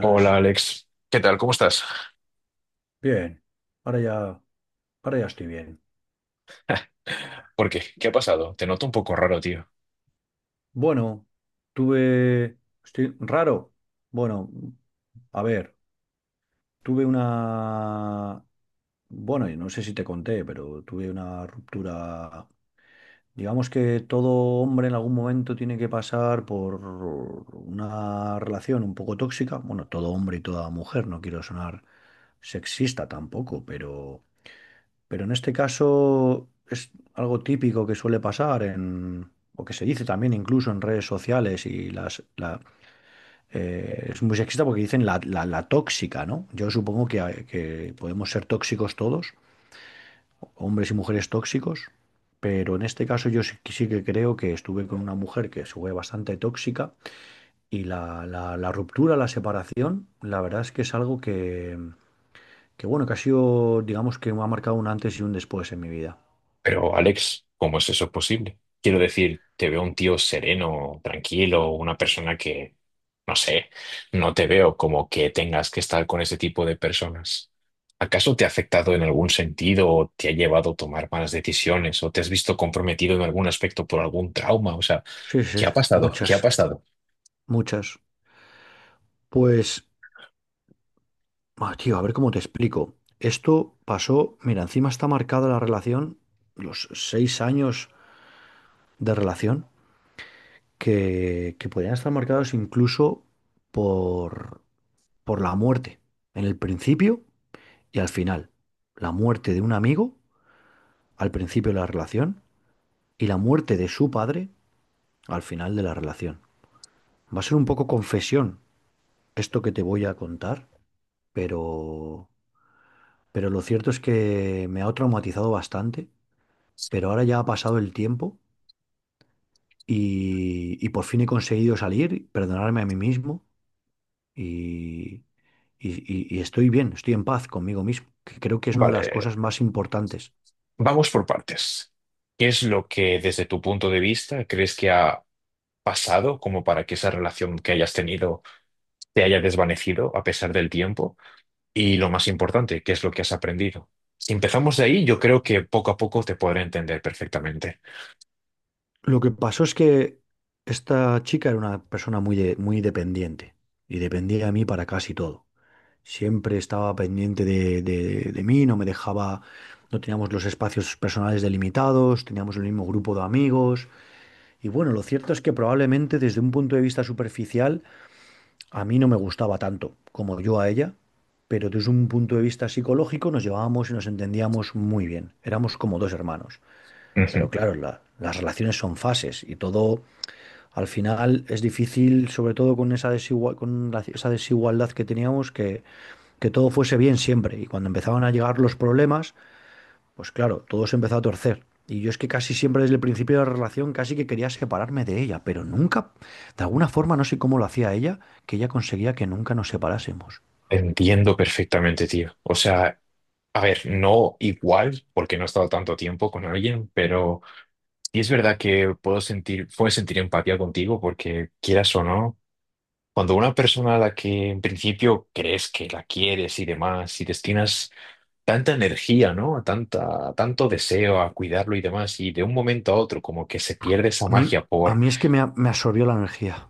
Hola Alex, ¿qué tal? ¿Cómo estás? Bien. Ahora ya, ahora ya estoy bien. ¿Por qué? ¿Qué ha pasado? Te noto un poco raro, tío. Bueno, tuve... Estoy raro. Bueno, a ver, tuve una... Bueno, y no sé si te conté, pero tuve una ruptura. Digamos que todo hombre en algún momento tiene que pasar por una relación un poco tóxica. Bueno, todo hombre y toda mujer, no quiero sonar sexista tampoco, pero pero en este caso es algo típico que suele pasar o que se dice también incluso en redes sociales y es muy sexista porque dicen la tóxica, ¿no? Yo supongo que podemos ser tóxicos todos, hombres y mujeres tóxicos, pero en este caso yo sí que creo que estuve con una mujer que fue bastante tóxica y la ruptura, la separación, la verdad es que es algo que, bueno, que ha sido, digamos que me ha marcado un antes y un después en mi vida. Pero Alex, ¿cómo es eso posible? Quiero decir, te veo un tío sereno, tranquilo, una persona que, no sé, no te veo como que tengas que estar con ese tipo de personas. ¿Acaso te ha afectado en algún sentido o te ha llevado a tomar malas decisiones o te has visto comprometido en algún aspecto por algún trauma? O sea, Sí, sí, ¿qué ha pasado? ¿Qué ha muchas, pasado? muchas. Pues, tío, a ver cómo te explico. Esto pasó, mira, encima está marcada la relación, los 6 años de relación, que podían estar marcados incluso por, por la muerte, en el principio y al final. La muerte de un amigo al principio de la relación y la muerte de su padre al final de la relación. Va a ser un poco confesión esto que te voy a contar, pero... Pero lo cierto es que me ha traumatizado bastante, pero ahora ya ha pasado el tiempo y por fin he conseguido salir, perdonarme a mí mismo y, y- y estoy bien, estoy en paz conmigo mismo, que creo que es una de las cosas Vale. más importantes. Vamos por partes. ¿Qué es lo que desde tu punto de vista crees que ha pasado como para que esa relación que hayas tenido te haya desvanecido a pesar del tiempo? Y lo más importante, ¿qué es lo que has aprendido? Si empezamos de ahí, yo creo que poco a poco te podré entender perfectamente. Lo que pasó es que esta chica era una persona muy dependiente y dependía de mí para casi todo. Siempre estaba pendiente de mí, no me dejaba, no teníamos los espacios personales delimitados, teníamos el mismo grupo de amigos. Y bueno, lo cierto es que probablemente desde un punto de vista superficial a mí no me gustaba tanto como yo a ella, pero desde un punto de vista psicológico nos llevábamos y nos entendíamos muy bien. Éramos como dos hermanos. Ujú. Pero claro, las relaciones son fases y todo al final es difícil, sobre todo con esa esa desigualdad que teníamos, que todo fuese bien siempre. Y cuando empezaban a llegar los problemas, pues claro, todo se empezó a torcer. Y yo es que casi siempre desde el principio de la relación casi que quería separarme de ella, pero nunca, de alguna forma, no sé cómo lo hacía ella, que ella conseguía que nunca nos separásemos. Entiendo perfectamente, tío. O sea, a ver, no igual, porque no he estado tanto tiempo con alguien, pero sí es verdad que puedo sentir empatía contigo porque quieras o no. Cuando una persona a la que en principio crees que la quieres y demás, y destinas tanta energía, ¿no? A tanta, a tanto deseo a cuidarlo y demás, y de un momento a otro como que se pierde esa A mí, magia a por... mí es que me absorbió la energía.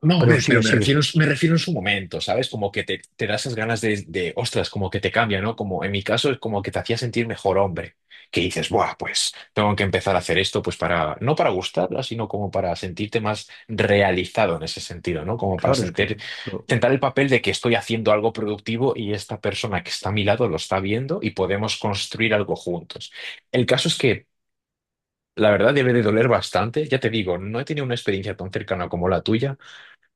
No, Pero ve, pero sigue, sigue. Me refiero en su momento, ¿sabes? Como que te da esas ganas de, ostras, como que te cambia, ¿no? Como en mi caso es como que te hacía sentir mejor hombre, que dices, buah, pues tengo que empezar a hacer esto, pues para, no para gustarla, sino como para sentirte más realizado en ese sentido, ¿no? Como para Claro, es que sentir, lo... tentar el papel de que estoy haciendo algo productivo y esta persona que está a mi lado lo está viendo y podemos construir algo juntos. El caso es que... La verdad debe de doler bastante, ya te digo, no he tenido una experiencia tan cercana como la tuya,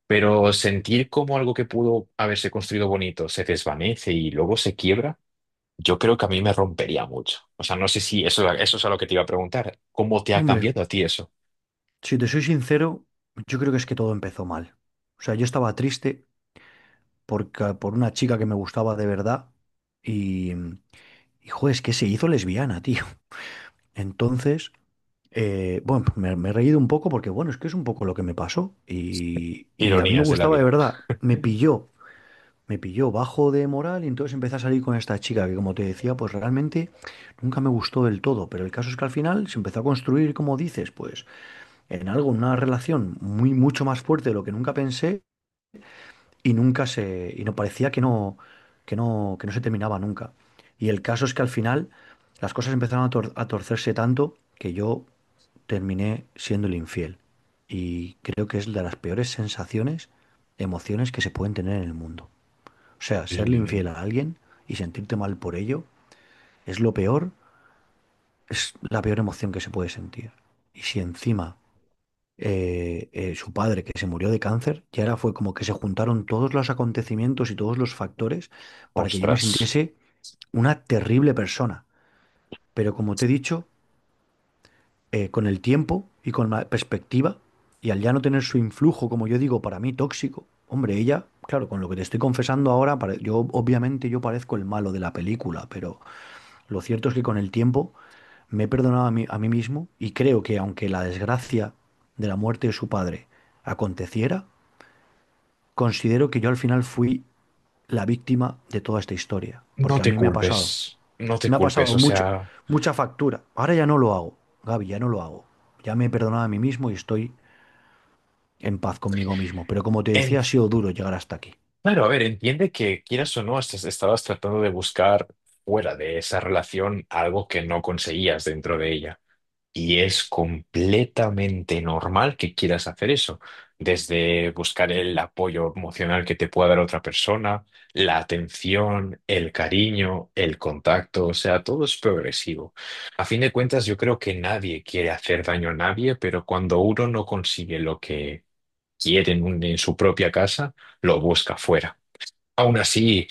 pero sentir como algo que pudo haberse construido bonito se desvanece y luego se quiebra, yo creo que a mí me rompería mucho. O sea, no sé si eso, eso es a lo que te iba a preguntar. ¿Cómo te ha Hombre, cambiado a ti eso? si te soy sincero, yo creo que es que todo empezó mal. O sea, yo estaba triste porque, por una chica que me gustaba de verdad y, y joder, es que se hizo lesbiana, tío. Entonces... bueno, me he reído un poco porque, bueno, es que es un poco lo que me pasó. Y a mí me Ironías de la gustaba de vida. verdad. Me pilló bajo de moral y entonces empecé a salir con esta chica que, como te decía, pues realmente nunca me gustó del todo. Pero el caso es que al final se empezó a construir, como dices, pues en algo, una relación muy, mucho más fuerte de lo que nunca pensé y nunca se, y no parecía que no se terminaba nunca. Y el caso es que al final las cosas empezaron a torcerse tanto que yo terminé siendo el infiel. Y creo que es de las peores sensaciones, emociones que se pueden tener en el mundo. O sea, Eh, serle infiel a alguien y sentirte mal por ello es lo peor, es la peor emoción que se puede sentir. Y si encima su padre, que se murió de cáncer, y ahora fue como que se juntaron todos los acontecimientos y todos los factores para que yo me Ostras, sintiese una terrible persona. Pero como te he dicho, con el tiempo y con la perspectiva, y al ya no tener su influjo, como yo digo, para mí tóxico, hombre, ella, claro, con lo que te estoy confesando ahora, yo obviamente yo parezco el malo de la película, pero lo cierto es que con el tiempo me he perdonado a mí mismo y creo que aunque la desgracia de la muerte de su padre aconteciera, considero que yo al final fui la víctima de toda esta historia, no porque a te mí culpes, no te me ha culpes. pasado O mucha, sea, mucha factura. Ahora ya no lo hago, Gaby, ya no lo hago. Ya me he perdonado a mí mismo y estoy en paz conmigo mismo, pero como te en, decía, ha sido duro llegar hasta aquí. claro, a ver, entiende que quieras o no, estabas tratando de buscar fuera de esa relación algo que no conseguías dentro de ella. Y es completamente normal que quieras hacer eso, desde buscar el apoyo emocional que te pueda dar otra persona, la atención, el cariño, el contacto, o sea, todo es progresivo. A fin de cuentas, yo creo que nadie quiere hacer daño a nadie, pero cuando uno no consigue lo que quiere en, en su propia casa, lo busca fuera. Aún así,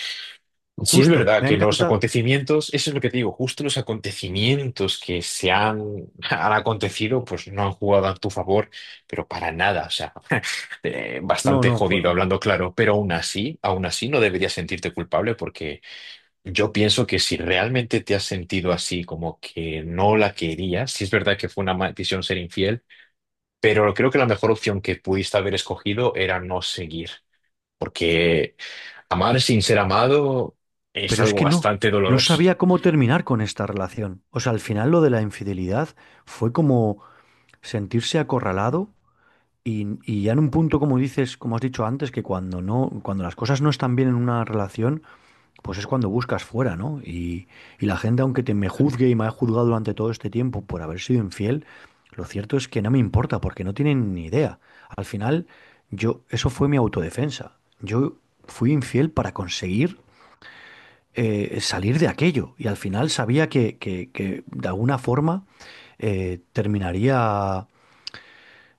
sí, es Justo, verdad me ha que los encantado. acontecimientos, eso es lo que te digo, justo los acontecimientos que se han, han acontecido, pues no han jugado a tu favor, pero para nada, o sea, No, bastante no, jodido fueron. hablando claro, pero aún así no deberías sentirte culpable porque yo pienso que si realmente te has sentido así, como que no la querías, sí es verdad que fue una maldición ser infiel, pero creo que la mejor opción que pudiste haber escogido era no seguir porque amar sin ser amado es Pero es algo que no, bastante no doloroso. sabía cómo terminar con esta relación. O sea, al final lo de la infidelidad fue como sentirse acorralado y ya en un punto, como dices, como has dicho antes, que cuando las cosas no están bien en una relación, pues es cuando buscas fuera, ¿no? Y la gente, aunque te me juzgue y me ha juzgado durante todo este tiempo por haber sido infiel, lo cierto es que no me importa porque no tienen ni idea. Al final, yo, eso fue mi autodefensa. Yo fui infiel para conseguir salir de aquello. Y al final sabía que de alguna forma eh, terminaría,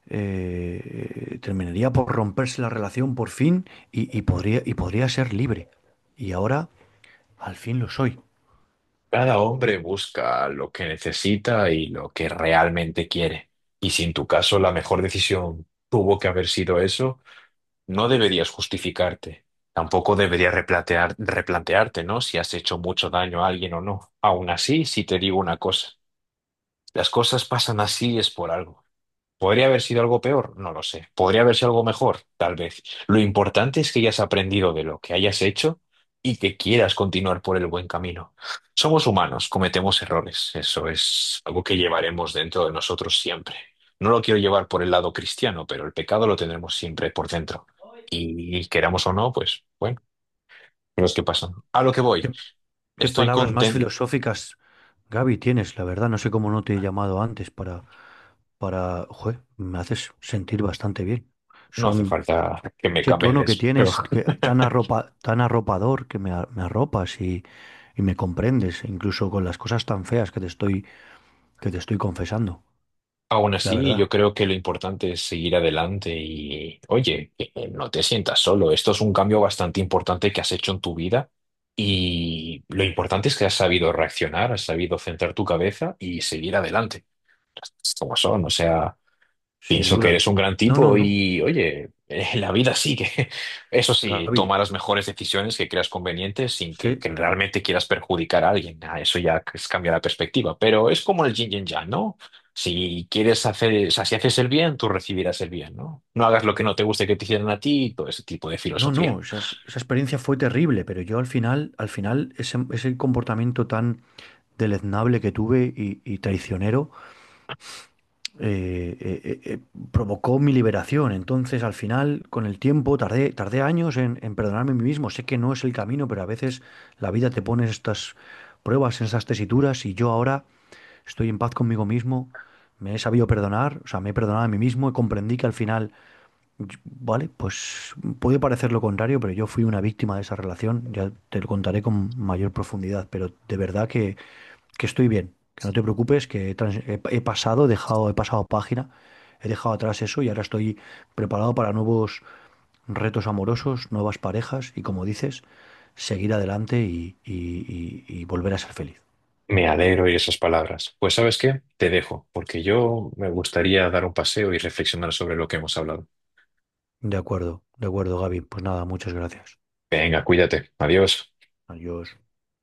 terminaría por romperse la relación por fin y, y podría ser libre. Y ahora al fin lo soy. Cada hombre busca lo que necesita y lo que realmente quiere. Y si en tu caso la mejor decisión tuvo que haber sido eso, no deberías justificarte. Tampoco deberías replantearte, ¿no? Si has hecho mucho daño a alguien o no. Aún así, si te digo una cosa, las cosas pasan así es por algo. ¿Podría haber sido algo peor? No lo sé. ¿Podría haber sido algo mejor? Tal vez. Lo importante es que hayas aprendido de lo que hayas hecho y que quieras continuar por el buen camino. Somos humanos, cometemos errores. Eso es algo que llevaremos dentro de nosotros siempre. No lo quiero llevar por el lado cristiano, pero el pecado lo tendremos siempre por dentro. Y queramos o no, pues bueno, cosas que pasan. A lo que voy. ¿Qué, qué Estoy palabras más contento. filosóficas, Gaby, tienes? La verdad, no sé cómo no te he llamado antes para, joder, me haces sentir bastante bien. No hace Son. falta que me Ese tono que cameles, pero... tienes, tan arropador, me arropas y me comprendes, incluso con las cosas tan feas que te que te estoy confesando, Aún la así, verdad, yo creo que lo importante es seguir adelante y, oye, que no te sientas solo. Esto es un cambio bastante importante que has hecho en tu vida y lo importante es que has sabido reaccionar, has sabido centrar tu cabeza y seguir adelante. Como son, o sea. sin Pienso que duda. eres un gran No, no, tipo no, y, oye, la vida sigue. Eso sí, Gaby, toma las mejores decisiones que creas convenientes sin sí, que realmente quieras perjudicar a alguien. Ah, eso ya es cambiar la perspectiva. Pero es como el yin y el yang, ¿no? Si quieres hacer, o sea, si haces el bien, tú recibirás el bien, ¿no? No hagas lo que no te guste que te hicieran a ti y todo ese tipo de no, filosofía. no, esa experiencia fue terrible, pero yo al final, ese comportamiento tan deleznable que tuve y traicionero, eh, eh, eh, provocó mi liberación. Entonces, al final, con el tiempo, tardé años en perdonarme a mí mismo. Sé que no es el camino, pero a veces la vida te pone estas pruebas, en esas tesituras, y yo ahora estoy en paz conmigo mismo, me he sabido perdonar, o sea, me he perdonado a mí mismo y comprendí que al final vale, pues puede parecer lo contrario, pero yo fui una víctima de esa relación. Ya te lo contaré con mayor profundidad, pero de verdad que estoy bien. Que no te preocupes, que he pasado, he pasado página, he dejado atrás eso y ahora estoy preparado para nuevos retos amorosos, nuevas parejas y, como dices, seguir adelante y volver a ser feliz. Me alegro de esas palabras. Pues, ¿sabes qué? Te dejo, porque yo me gustaría dar un paseo y reflexionar sobre lo que hemos hablado. De acuerdo, Gaby. Pues nada, muchas gracias. Venga, cuídate. Adiós. Adiós.